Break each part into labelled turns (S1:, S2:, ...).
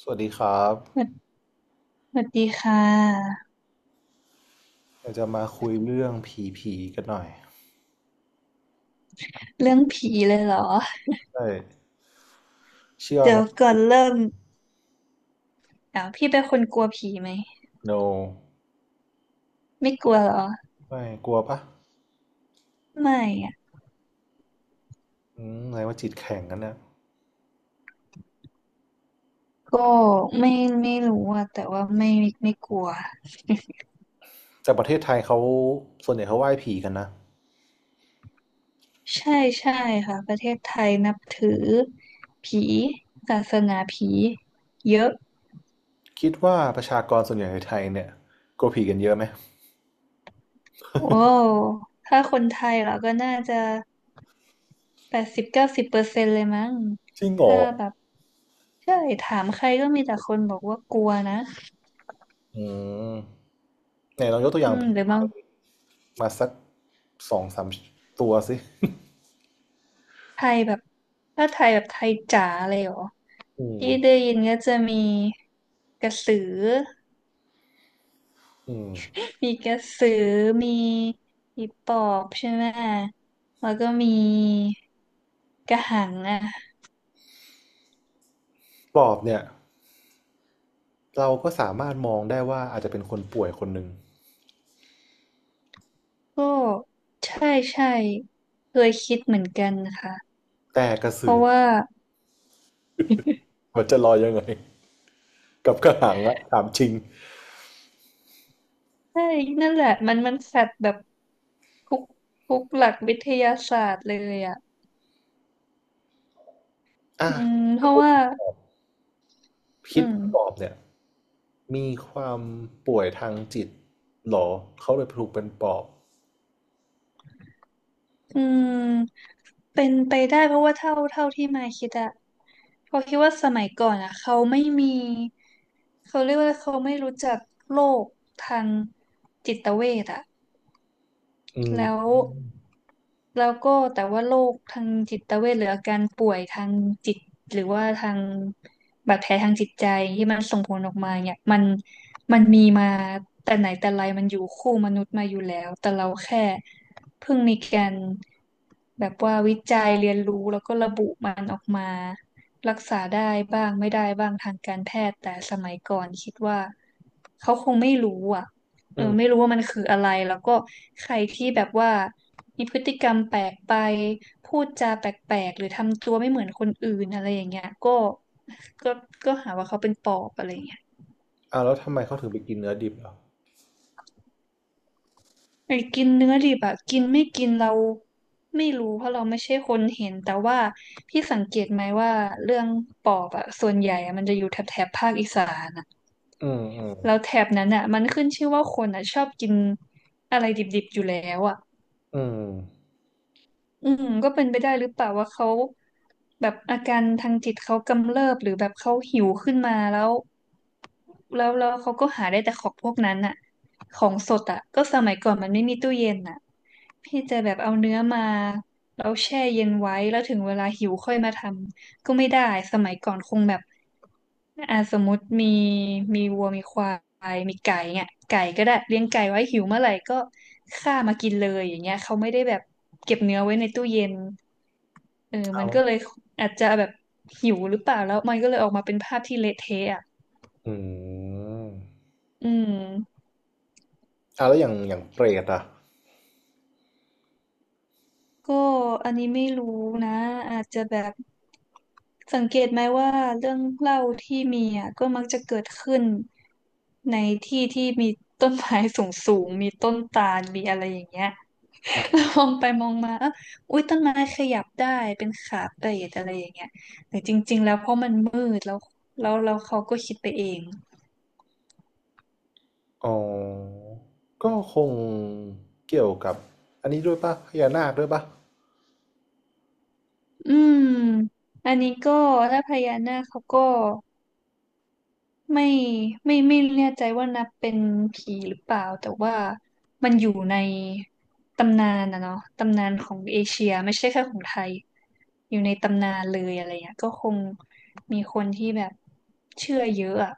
S1: สวัสดีครับ
S2: สวัสสวัสดีค่ะ
S1: เราจะมาคุยเรื่องผีผีกันหน่อย
S2: เรื่องผีเลยเหรอ
S1: ใช่เชื่อ
S2: เดี๋
S1: ไหม
S2: ยวก่อนเริ่มอ้าวพี่เป็นคนกลัวผีไหม
S1: no
S2: ไม่กลัวเหรอ
S1: ไม่กลัวปะ
S2: ไม่อะ
S1: ไหนว่าจิตแข็งกันเนี่ย
S2: ก็ไม่ไม่รู้อะแต่ว่าไม่กลัว
S1: แต่ประเทศไทยเขาส่วนใหญ่เขาไหว้ผีกันนะ
S2: ใช่ใช่ค่ะประเทศไทยนับถือผีศาสนาผีเยอะ
S1: คิดว่าประชากรส่วนใหญ่ในไทยเนี่ยกลัวผีกันเยอะไหม
S2: โอ้ถ้าคนไทยเราก็น่าจะ80-90%เลยมั้ง
S1: จริงเหรอ
S2: ถ้าแบบใช่ถามใครก็มีแต่คนบอกว่ากลัวนะ
S1: อืมไหนลองยกตัวอย่างผี
S2: หรือบาง
S1: มาสักสองสามตัวสิ
S2: ไทยแบบถ้าไทยแบบไทยจ๋าเลยเหรอ
S1: อืม
S2: ที่ได้ยินก็จะมีกระสือ
S1: อืม
S2: มีกระสือ มีผีปอบใช่ไหม แล้วก็มีกระหังอ่ะ
S1: ปอบเนี่ยเราก็สามารถมองได้ว่าอาจจะเป็นคนป่วยคนหนึ่ง
S2: ก็ใช่ใช่เคยคิดเหมือนกันนะคะ
S1: แต่กระ
S2: เพ
S1: สือ
S2: ราะว่า
S1: มันจะลอยยังไง กับกระหังละถามจริง
S2: ใช่นั่นแหละมันแฟดแบบทุกทุกหลักวิทยาศาสตร์เลยอ่ะ
S1: อ่ะ
S2: เพ
S1: ถ้า
S2: ราะ
S1: พูด
S2: ว่าอื
S1: พิษ
S2: ม
S1: ปอบเนี่ยมีความป่วยทางจิตหรอเขาเลยถูกเป็นปอบ
S2: อืมเป็นไปได้เพราะว่าเท่าที่มายคิดอะเพราะคิดว่าสมัยก่อนอะเขาไม่มีเขาเรียกว่าเขาไม่รู้จักโรคทางจิตเวชอะ
S1: อืม
S2: แล้วแล้วก็แต่ว่าโรคทางจิตเวชหรืออาการป่วยทางจิตหรือว่าทางบาดแผลทางจิตใจที่มันส่งผลออกมาเนี่ยมันมีมาแต่ไหนแต่ไรมันอยู่คู่มนุษย์มาอยู่แล้วแต่เราแค่เพิ่งมีการแบบว่าวิจัยเรียนรู้แล้วก็ระบุมันออกมารักษาได้บ้างไม่ได้บ้างทางการแพทย์แต่สมัยก่อนคิดว่าเขาคงไม่รู้อ่ะ เอ
S1: อื
S2: อไม่
S1: ม
S2: รู้ว่ามันคืออะไรแล้วก็ใครที่แบบว่ามีพฤติกรรมแปลกไปพูดจาแปลกๆหรือทำตัวไม่เหมือนคนอื่นอะไรอย่างเงี้ยก็ก็ก็หาว่าเขาเป็นปอบอะไรอย่างเงี้ย
S1: อ่าแล้วทำไมเขาถึงไปกินเนื้อดิบเหรอ
S2: ไอ้กินเนื้อดิบอะกินไม่กินเราไม่รู้เพราะเราไม่ใช่คนเห็นแต่ว่าพี่สังเกตไหมว่าเรื่องปอบอะส่วนใหญ่อะมันจะอยู่แถบภาคอีสานอะ
S1: อืมอืม
S2: แล้วแถบนั้นอะมันขึ้นชื่อว่าคนอะชอบกินอะไรดิบๆอยู่แล้วอะ
S1: อืม
S2: ก็เป็นไปได้หรือเปล่าว่าเขาแบบอาการทางจิตเขากำเริบหรือแบบเขาหิวขึ้นมาแล้วแล้วเขาก็หาได้แต่ของพวกนั้นอะของสดอะก็สมัยก่อนมันไม่มีตู้เย็นอะพี่จะแบบเอาเนื้อมาแล้วแช่เย็นไว้แล้วถึงเวลาหิวค่อยมาทำ ก็ไม่ได้สมัยก่อนคงแบบอ่าสมมติมีวัวมีควายมีไก่เนี่ยไก่ก็ได้เลี้ยงไก่ไว้หิวเมื่อไหร่ก็ฆ่ามากินเลยอย่างเงี้ยเขาไม่ได้แบบเก็บเนื้อไว้ในตู้เย็นเออมั
S1: เอา
S2: นก็เลยอาจจะแบบหิวหรือเปล่าแล้วมันก็เลยออกมาเป็นภาพที่เละเทะอ่ะ
S1: อืม
S2: อืม
S1: อ่าแล้วอย่างอย่างเปรตอ่ะ
S2: ก็อันนี้ไม่รู้นะอาจจะแบบ สังเกตไหมว่าเรื่องเล่าที่มีอ่ะก็มักจะเกิดขึ้นในที่ที่มีต้นไม้สูงสูงมีต้นตาลมีอะไรอย่างเงี้ยแล้วมองไปมองมาเอ้าอุ๊ยต้นไม้ขยับได้เป็นขาเปรอะไรอย่างเงี้ยแต่จริงๆแล้วเพราะมันมืดแล้วแล้วเขาก็คิดไปเอง
S1: อ๋อก็คงเกี่ยวกับอันนี้ด้วยป่ะพญานาคด้วยป่ะ
S2: อืมอันนี้ก็ถ้าพญานาคเขาก็ ไม่ไม่ไม่แน่ใจว่านับเป็นผีหรือเปล่าแต่ว่ามันอยู่ในตำนานนะเนาะตำนานของเอเชียไม่ใช่แค่ของไทยอยู่ในตำนานเลยอะไรเงี้ยก็คงมีคนที่แบบเชื่อเยอะอะ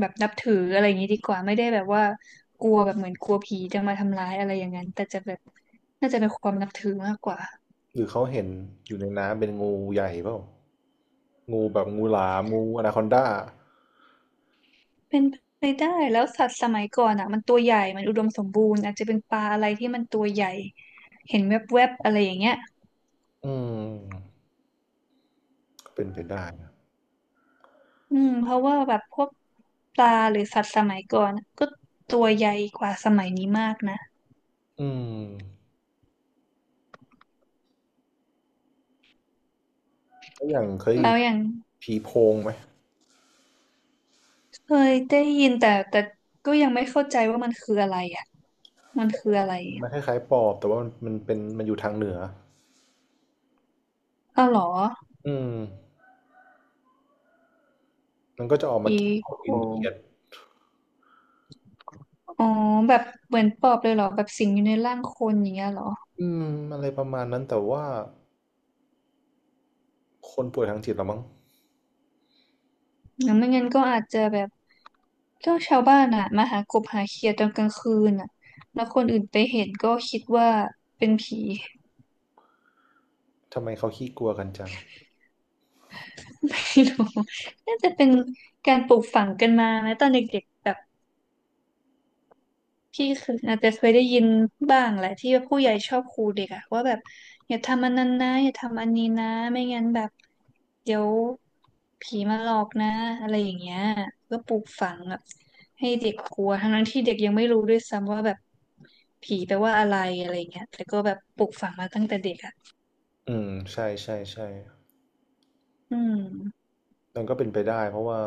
S2: แบบนับถืออะไรอย่างงี้ดีกว่าไม่ได้แบบว่ากลัวแบบเหมือนกลัวผีจะมาทำร้ายอะไรอย่างนั้นแต่จะแบบน่าจะเป็นความนับถือมากกว่า
S1: หรือเขาเห็นอยู่ในน้ำเป็นงูใหญ่เปล่างูแบบงูหลามงูอนาคอนดา
S2: เป็นไปได้แล้วสัตว์สมัยก่อนอ่ะมันตัวใหญ่มันอุดมสมบูรณ์อาจจะเป็นปลาอะไรที่มันตัวใหญ่เห็นแวบๆอะไรอย่างเงี้ย
S1: อืมเป็นไปได้นะ
S2: เพราะว่าแบบพวกปลาหรือสัตว์สมัยก่อนอะก็ตัวใหญ่กว่าสมัยนี้มากนะ
S1: อืมแล้วอย่างเคยได้ยิ
S2: แล้
S1: น
S2: วอย่าง
S1: ผีโพงไหม
S2: เคยได้ยินแต่ก็ยังไม่เข้าใจว่ามันคืออะไรอ่ะมันคืออะไร
S1: มันคล้ายๆปอบแต่ว่ามันมันเป็นมันอยู่ทางเหนือ
S2: อ้าวเหรอ
S1: อืมมันก็จะออกมา
S2: อี
S1: กินของ
S2: โค
S1: กินเขียด
S2: อ๋อแบบเหมือนปอบเลยเหรอแบบสิงอยู่ในร่างคนอย่างเงี้ยเหรอ
S1: อืมอะไรประมาณนั้นแต่ว่าคนป่วยทางจิตเหรอมั้ง
S2: งั้นไม่งั้นก็อาจจะแบบ เ็าชาวบ้านอ่ะมาหากบหาเขียดตอนกลางคืนอ่ะแล้วคนอื่นไปเห็นก็คิดว่าเป็นผี
S1: ทำไมเขาขี้กลัวกันจัง
S2: ไม่รู้น่าจะเป็นการปลูกฝังกันมานะตอนเด็กๆแบบ พี่เคยอาจจะเคยได้ยินบ้างแหละที่ว่าผู้ใหญ่ชอบขู่เด็กอะว่าแบบอย่าทำอันนั้นนะอย่าทำอันนี้นะไม่งั้นแบบเดี๋ยวผีมาหลอกนะอะไรอย่างเงี้ยก็ปลูกฝังแบบให้เด็กกลัวทั้งๆที่เด็กยังไม่รู้ด้วยซ้ำว่าแบบผีแปลว่าอะไรอะไรอย่างเงี้ยแต่ก็แบบปลูกฝังมาตั้งแต่เด็กอะ
S1: อืมใช่ใช่ใช่
S2: อืม
S1: มันก็เป็นไปได้เพราะว่า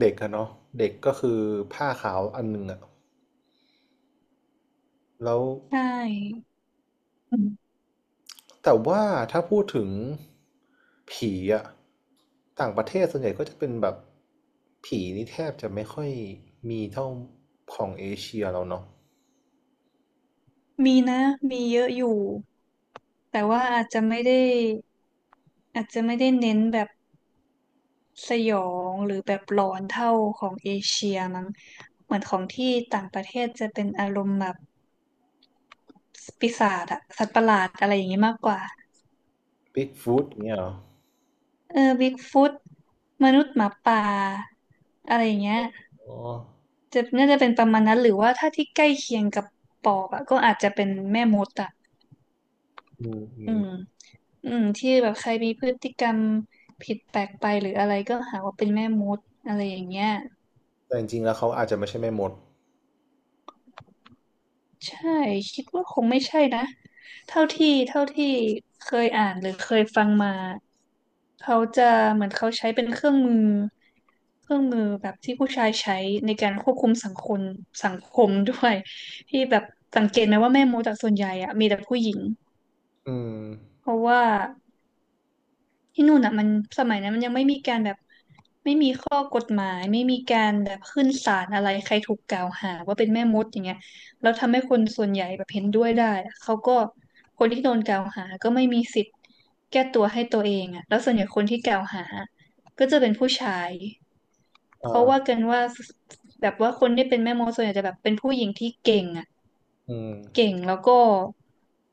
S1: เด็กอะเนาะเด็กก็คือผ้าขาวอันหนึ่งอะแล้ว
S2: ใช่อืม
S1: แต่ว่าถ้าพูดถึงผีอะต่างประเทศส่วนใหญ่ก็จะเป็นแบบผีนี่แทบจะไม่ค่อยมีเท่าของเอเชียเราเนาะ
S2: มีนะมีเยอะอยู่แต่ว่าอาจจะไม่ได้อาจจะไม่ได้เน้นแบบ สยองหรือแบบหลอนเท่าของเอเชียมั้งเหมือนของที่ต่างประเทศจะเป็นอารมณ์แบบปีศาจอะสัตว์ประหลาดอะไรอย่างงี้มากกว่า
S1: บิ๊กฟูตเนี้ยเหรอ
S2: เออบิ๊กฟุตมนุษย์หมาป่าอะไรอย่างเงี้ย
S1: อ๋อ
S2: จะน่าจะเป็นประมาณนั้นหรือว่าถ้าที่ใกล้เคียงกับปอบอะก็อาจจะเป็นแม่มดอะ
S1: อืมอื
S2: อื
S1: ม
S2: มอืมที่แบบใครมีพฤติกรรมผิดแปลกไปหรืออะไรก็หาว่าเป็นแม่มดอะไรอย่างเงี้ย
S1: แต่จริงๆแล้วเขาอาจจะไม่ใช่แม่มด
S2: ใช่คิดว่าคงไม่ใช่นะเท่าที่เคยอ่านหรือเคยฟังมาเขาจะเหมือนเขาใช้เป็นเครื่องมือเครื่องมือแบบที่ผู้ชายใช้ในการควบคุมสังคมสังคมด้วยที่แบบสังเกตไหมว่าแม่มดจากส่วนใหญ่อะมีแต่ผู้หญิง
S1: อืม
S2: เพราะว่า ที่นู่นอ่ะมันสมัยนั้นมันยังไม่มีการแบบไม่มีข้อกฎหมายไม่มีการแบบขึ้นศาลอะไรใครถูกกล่าวหาว่าเป็นแม่มดอย่างเงี้ยแล้วทำให้คนส่วนใหญ่แบบเห็นด้วยได้อะเขาก็คนที่โดนกล่าวหาก็ไม่มีสิทธิ์แก้ตัวให้ตัวเองอ่ะแล้วส่วนใหญ่คนที่กล่าวหาก็จะเป็นผู้ชาย
S1: อ่
S2: เขาว่า
S1: า
S2: กันว่าแบบว่าคนที่เป็นแม่มดส่วนใหญ่จะแบบเป็นผู้หญิงที่เก่งอ่ะ
S1: อืม
S2: เก่งแล้วก็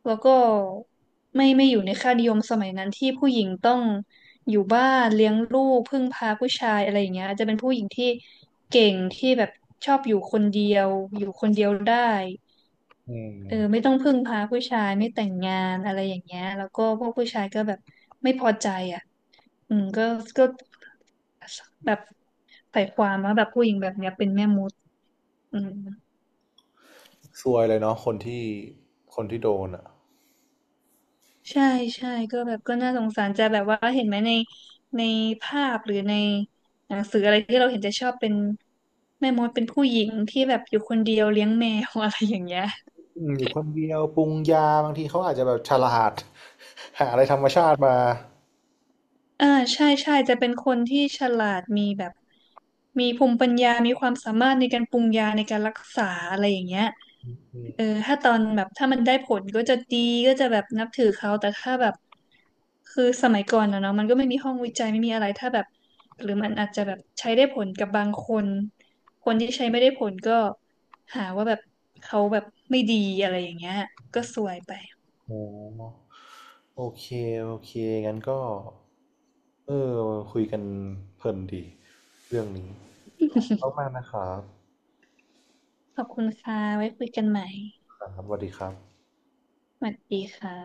S2: แล้วก็ไม่อยู่ในค่านิยมสมัยนั้นที่ผู้หญิงต้องอยู่บ้านเลี้ยงลูกพึ่งพาผู้ชายอะไรอย่างเงี้ยอาจจะเป็นผู้หญิงที่เก่งที่แบบชอบอยู่คนเดียวอยู่คนเดียวได้
S1: อื
S2: เออไม่
S1: ม
S2: ต้องพึ่งพาผู้ชายไม่แต่งงานอะไรอย่างเงี้ยแล้วก็พวกผู้ชายก็แบบไม่พอใจอ่ะอืมก็แบบใส่ความว่าแบบผู้หญิงแบบเนี้ยเป็นแม่มดอืม
S1: ซวยเลยเนาะคนที่คนที่โดนอ่ะ
S2: ใช่ใช่ก็แบบก็น่าสงสารจะแบบว่าเห็นไหมในในภาพหรือในหนังสืออะไรที่เราเห็นจะชอบเป็นแม่มดเป็นผู้หญิงที่แบบอยู่คนเดียวเลี้ยงแมว อะไรอย่างเงี้ย
S1: อืมอยู่คนเดียวปรุงยาบางทีเขาอาจจะแบบฉลาด หาอะไรธรรมชาติมา
S2: อ่าใช่ใช่จะเป็นคนที่ฉลาดมีแบบมีภูมิปัญญามีความสามารถในการปรุงยาในการรักษาอะไรอย่างเงี้ยเออถ้าตอนแบบถ้ามันได้ผลก็จะดีก็จะแบบนับถือเขาแต่ถ้าแบบคือสมัยก่อนอะเนาะมันก็ไม่มีห้องวิจัยไม่มีอะไรถ้าแบบหรือมันอาจจะแบบใช้ได้ผลกับบางคนคนที่ใช้ไม่ได้ผลก็หาว่าแบบเขาแบบไม่ดีอะไรอย่างเงี้ยก็ซวยไป
S1: โอ๋โอเคโอเคงั้นก็เออคุยกันเพลินดีเรื่องนี้ขอบคุณมากนะครับ
S2: ขอบคุณค่ะไว้คุยกันใหม่
S1: ครับสวัสดีครับ
S2: สวัสดีค่ะ